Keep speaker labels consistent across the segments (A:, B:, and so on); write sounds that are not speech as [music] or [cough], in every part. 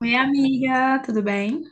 A: Oi, amiga, tudo bem?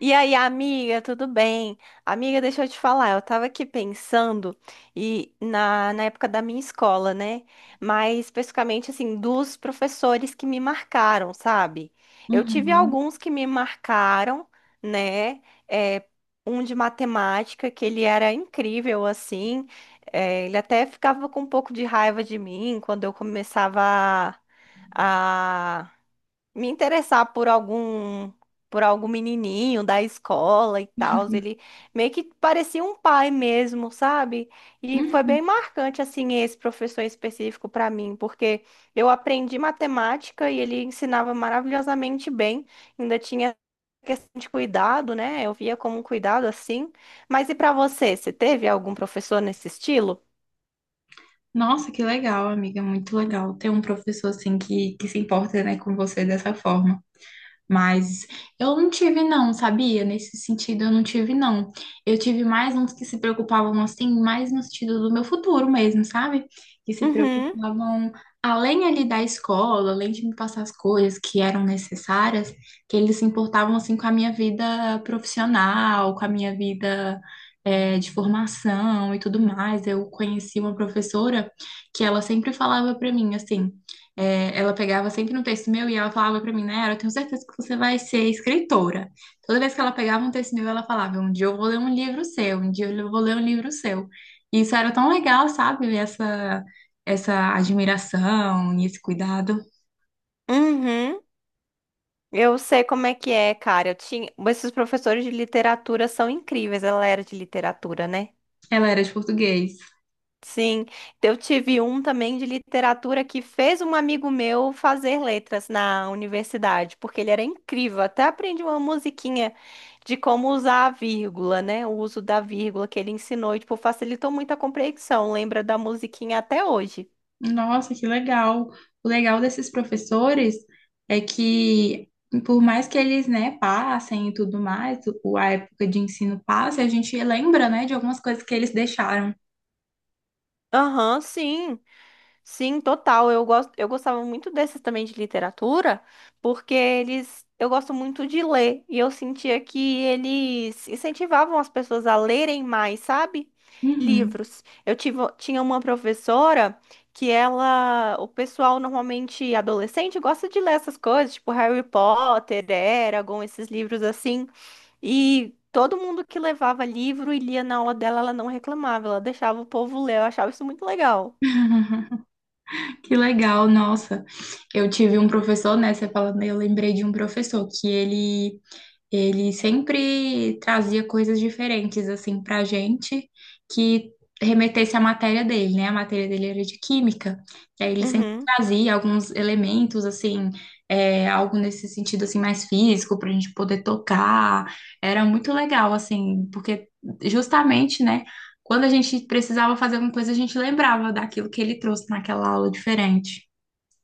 B: E aí, amiga, tudo bem? Amiga, deixa eu te falar, eu tava aqui pensando e na época da minha escola, né? Mas especificamente assim, dos professores que me marcaram, sabe? Eu tive
A: Uhum.
B: alguns que me marcaram, né? É, Um de matemática, que ele era incrível, assim. Ele até ficava com um pouco de raiva de mim quando eu começava a me interessar por algum menininho da escola e tal, ele
A: [laughs]
B: meio que parecia um pai mesmo, sabe? E foi bem
A: Uhum.
B: marcante assim esse professor específico para mim, porque eu aprendi matemática e ele ensinava maravilhosamente bem, ainda tinha questão de cuidado, né? Eu via como um cuidado assim. Mas e para você, você teve algum professor nesse estilo?
A: Nossa, que legal, amiga, muito legal ter um professor assim que se importa, né, com você dessa forma. Mas eu não tive não, sabia? Nesse sentido eu não tive não. Eu tive mais uns que se preocupavam assim, mais no sentido do meu futuro mesmo, sabe? Que se
B: Uhum.
A: preocupavam além ali da escola, além de me passar as coisas que eram necessárias, que eles se importavam assim com a minha vida profissional, com a minha vida de formação e tudo mais. Eu conheci uma professora que ela sempre falava para mim assim ela pegava sempre um texto meu e ela falava pra mim, né? Eu tenho certeza que você vai ser escritora. Toda vez que ela pegava um texto meu, ela falava: um dia eu vou ler um livro seu, um dia eu vou ler um livro seu. E isso era tão legal, sabe? Essa admiração e esse cuidado.
B: Uhum. Eu sei como é que é, cara. Esses professores de literatura são incríveis. Ela era de literatura, né?
A: Ela era de português.
B: Sim. Então, eu tive um também de literatura que fez um amigo meu fazer letras na universidade, porque ele era incrível. Até aprendi uma musiquinha de como usar a vírgula, né? O uso da vírgula que ele ensinou, e, tipo, facilitou muito a compreensão. Lembra da musiquinha até hoje.
A: Nossa, que legal! O legal desses professores é que, por mais que eles, né, passem e tudo mais, a época de ensino passa, a gente lembra, né, de algumas coisas que eles deixaram.
B: Aham, sim. Sim, total. Eu gostava muito desses também de literatura, porque eu gosto muito de ler e eu sentia que eles incentivavam as pessoas a lerem mais, sabe?
A: Uhum.
B: Livros. Tinha uma professora o pessoal normalmente adolescente gosta de ler essas coisas, tipo Harry Potter, Eragon, esses livros assim. E todo mundo que levava livro e lia na aula dela, ela não reclamava, ela deixava o povo ler. Eu achava isso muito legal.
A: [laughs] Que legal, nossa. Eu tive um professor, né? Você falando, eu lembrei de um professor que ele sempre trazia coisas diferentes assim para a gente que remetesse à matéria dele, né? A matéria dele era de química, e aí ele sempre
B: Uhum.
A: trazia alguns elementos assim, algo nesse sentido assim mais físico para a gente poder tocar. Era muito legal assim, porque justamente, né? Quando a gente precisava fazer alguma coisa, a gente lembrava daquilo que ele trouxe naquela aula diferente.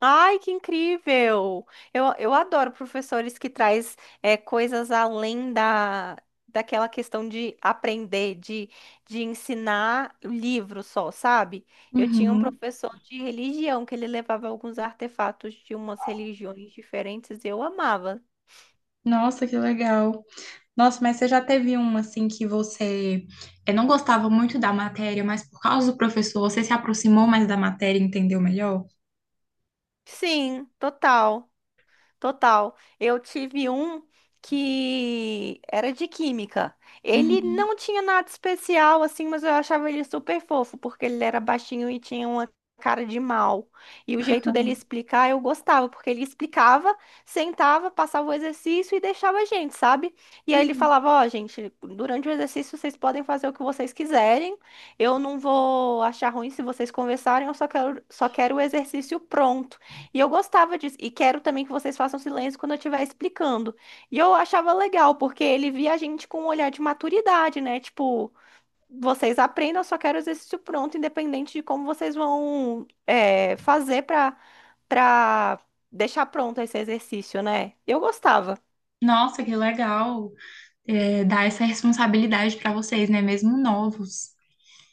B: Ai, que incrível! Eu adoro professores que traz coisas além daquela questão de aprender, de ensinar o livro só, sabe? Eu tinha um
A: Uhum.
B: professor de religião que ele levava alguns artefatos de umas religiões diferentes e eu amava.
A: Nossa, que legal. Nossa, mas você já teve um assim que você não gostava muito da matéria, mas por causa do professor você se aproximou mais da matéria e entendeu melhor?
B: Sim, total. Total. Eu tive um que era de química. Ele
A: Uhum,
B: não tinha nada especial assim, mas eu achava ele super fofo, porque ele era baixinho e tinha uma cara de mal. E o jeito dele explicar eu gostava, porque ele explicava, sentava, passava o exercício e deixava a gente, sabe? E aí ele
A: uhum.
B: falava: Ó, gente, durante o exercício vocês podem fazer o que vocês quiserem. Eu não vou achar ruim se vocês conversarem, eu só quero o exercício pronto. E eu gostava disso. E quero também que vocês façam silêncio quando eu estiver explicando. E eu achava legal, porque ele via a gente com um olhar de maturidade, né? Tipo, vocês aprendam, eu só quero o exercício pronto, independente de como vocês vão fazer pra deixar pronto esse exercício, né? Eu gostava.
A: Nossa, que legal, dar essa responsabilidade para vocês, né? Mesmo novos.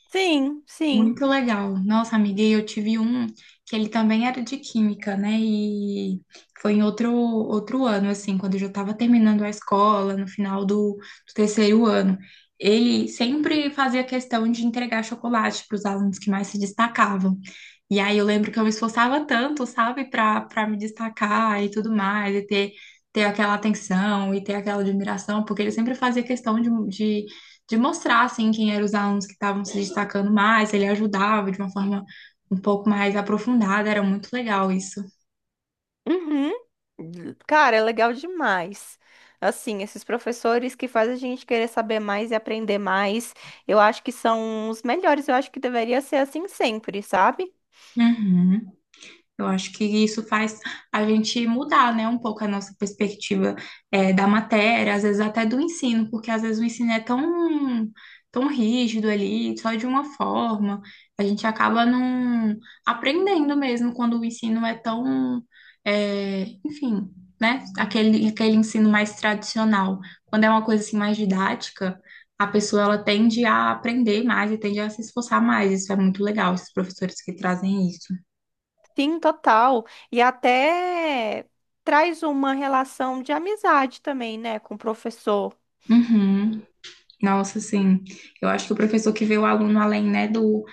B: Sim, sim.
A: Muito legal. Nossa, amiga, e eu tive um que ele também era de química, né? E foi em outro, outro ano, assim, quando eu já estava terminando a escola, no final do terceiro ano. Ele sempre fazia questão de entregar chocolate para os alunos que mais se destacavam. E aí eu lembro que eu me esforçava tanto, sabe, para me destacar e tudo mais, e ter aquela atenção e ter aquela admiração, porque ele sempre fazia questão de de mostrar assim quem eram os alunos que estavam se destacando mais, ele ajudava de uma forma um pouco mais aprofundada, era muito legal isso.
B: Uhum. Cara, é legal demais. Assim, esses professores que fazem a gente querer saber mais e aprender mais, eu acho que são os melhores. Eu acho que deveria ser assim sempre, sabe?
A: Uhum. Eu acho que isso faz a gente mudar, né, um pouco a nossa perspectiva da matéria, às vezes até do ensino, porque às vezes o ensino é tão rígido ali, só de uma forma, a gente acaba não aprendendo mesmo quando o ensino é enfim, né, aquele ensino mais tradicional. Quando é uma coisa assim mais didática, a pessoa ela tende a aprender mais e tende a se esforçar mais. Isso é muito legal, esses professores que trazem isso.
B: Sim, total. E até traz uma relação de amizade também, né, com o professor.
A: Uhum. Nossa, sim. Eu acho que o professor que vê o aluno além, né, do,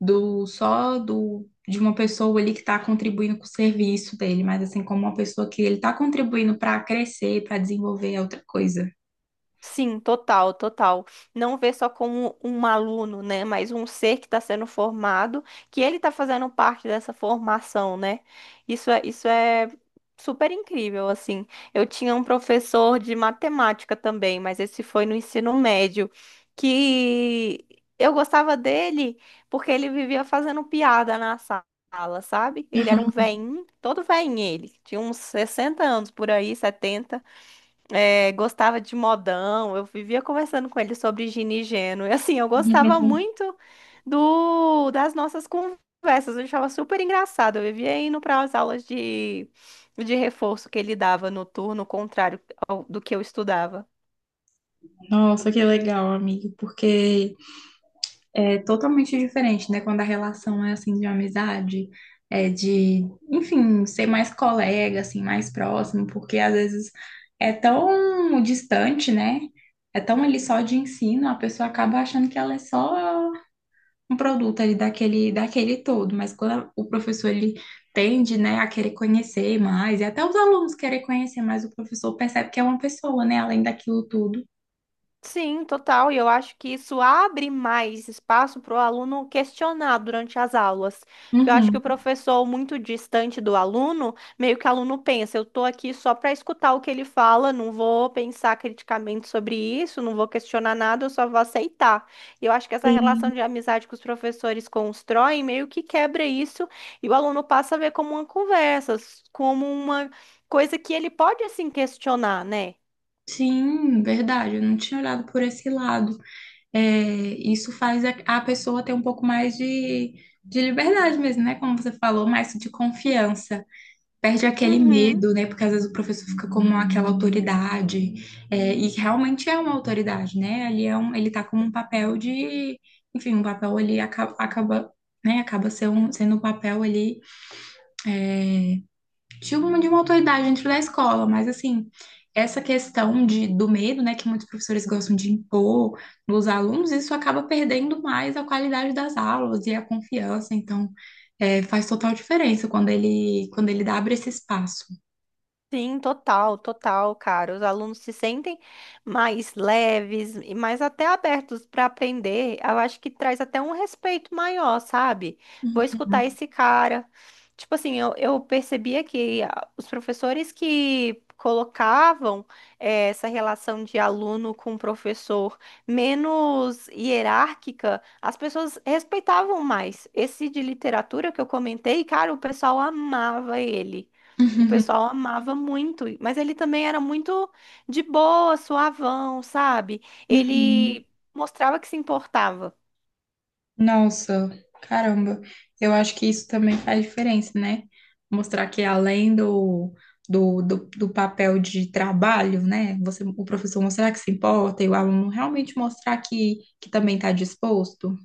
A: do só do de uma pessoa ali que está contribuindo com o serviço dele, mas assim como uma pessoa que ele está contribuindo para crescer, para desenvolver é outra coisa.
B: Sim, total, total. Não ver só como um aluno, né? Mas um ser que está sendo formado, que ele está fazendo parte dessa formação, né? Isso é super incrível, assim. Eu tinha um professor de matemática também, mas esse foi no ensino médio, que eu gostava dele porque ele vivia fazendo piada na sala, sabe? Ele era um veinho, todo veinho ele. Tinha uns 60 anos por aí, 70 gostava de modão, eu vivia conversando com ele sobre Gini e Geno. E assim, eu gostava
A: [laughs]
B: muito do das nossas conversas, eu achava super engraçado. Eu vivia indo para as aulas de reforço que ele dava no turno contrário do que eu estudava.
A: Nossa, que legal, amigo, porque é totalmente diferente, né? Quando a relação é assim de amizade, é enfim, ser mais colega, assim, mais próximo, porque às vezes é tão distante, né? É tão ali só de ensino, a pessoa acaba achando que ela é só um produto ali daquele todo, mas quando o professor ele tende, né, a querer conhecer mais, e até os alunos querem conhecer mais, o professor percebe que é uma pessoa, né, além daquilo tudo.
B: Sim, total. E eu acho que isso abre mais espaço para o aluno questionar durante as aulas. Porque eu acho que
A: Uhum.
B: o professor, muito distante do aluno, meio que o aluno pensa, eu estou aqui só para escutar o que ele fala, não vou pensar criticamente sobre isso, não vou questionar nada, eu só vou aceitar. E eu acho que essa
A: Sim.
B: relação de amizade que os professores constroem meio que quebra isso e o aluno passa a ver como uma conversa, como uma coisa que ele pode assim questionar, né?
A: Sim, verdade. Eu não tinha olhado por esse lado. É, isso faz a pessoa ter um pouco mais de liberdade mesmo, né? Como você falou, mais de confiança. Perde aquele
B: Uhum.
A: medo, né? Porque às vezes o professor fica como aquela autoridade. É, e realmente é uma autoridade, né? Ali é um, ele tá como um papel enfim, um papel ali né? Acaba sendo um papel ali. Tipo de uma autoridade dentro da escola, mas assim, essa questão do medo, né, que muitos professores gostam de impor nos alunos, isso acaba perdendo mais a qualidade das aulas e a confiança, então faz total diferença quando ele abre esse espaço.
B: Sim, total, total, cara. Os alunos se sentem mais leves e mais até abertos para aprender. Eu acho que traz até um respeito maior, sabe? Vou escutar esse cara. Tipo assim, eu percebia que os professores que colocavam essa relação de aluno com professor menos hierárquica, as pessoas respeitavam mais. Esse de literatura que eu comentei, cara, o pessoal amava ele. O pessoal amava muito, mas ele também era muito de boa, suavão, sabe? Ele
A: [laughs]
B: mostrava que se importava.
A: Nossa, caramba. Eu acho que isso também faz diferença, né? Mostrar que além do papel de trabalho, né? Você, o professor mostrar que se importa e o aluno realmente mostrar que também está disposto.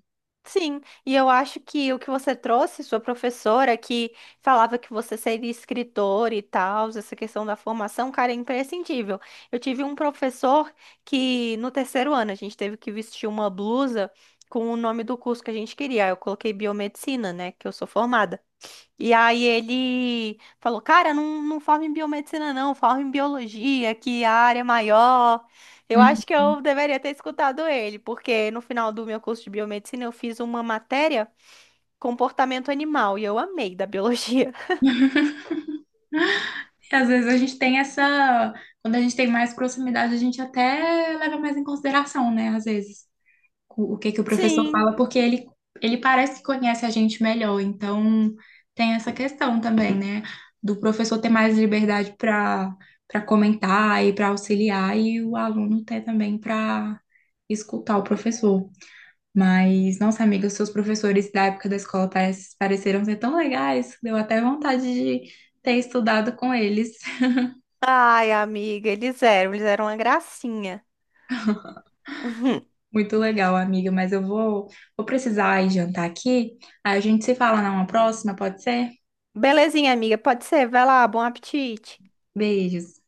B: Sim, e eu acho que o que você trouxe, sua professora, que falava que você seria escritor e tal, essa questão da formação, cara, é imprescindível. Eu tive um professor que no terceiro ano a gente teve que vestir uma blusa com o nome do curso que a gente queria. Eu coloquei biomedicina, né, que eu sou formada. E aí ele falou, cara, não, não forma em biomedicina não, forma em biologia, que a área é maior. Eu
A: Uhum.
B: acho que eu deveria ter escutado ele, porque no final do meu curso de biomedicina eu fiz uma matéria comportamento animal e eu amei da biologia. [laughs]
A: E às vezes a gente tem essa. Quando a gente tem mais proximidade, a gente até leva mais em consideração, né? Às vezes. O que que o professor
B: Sim.
A: fala, porque ele parece que conhece a gente melhor. Então, tem essa questão também, né? Do professor ter mais liberdade para comentar e para auxiliar, e o aluno ter também para escutar o professor. Mas, nossa amiga, os seus professores da época da escola pareceram ser tão legais, deu até vontade de ter estudado com eles. [laughs]
B: Ai, amiga, eles eram uma gracinha. [laughs] Uhum.
A: Muito legal, amiga, mas eu vou precisar ir jantar aqui. A gente se fala numa próxima, pode ser?
B: Belezinha, amiga, pode ser, vai lá, bom apetite.
A: Beijos.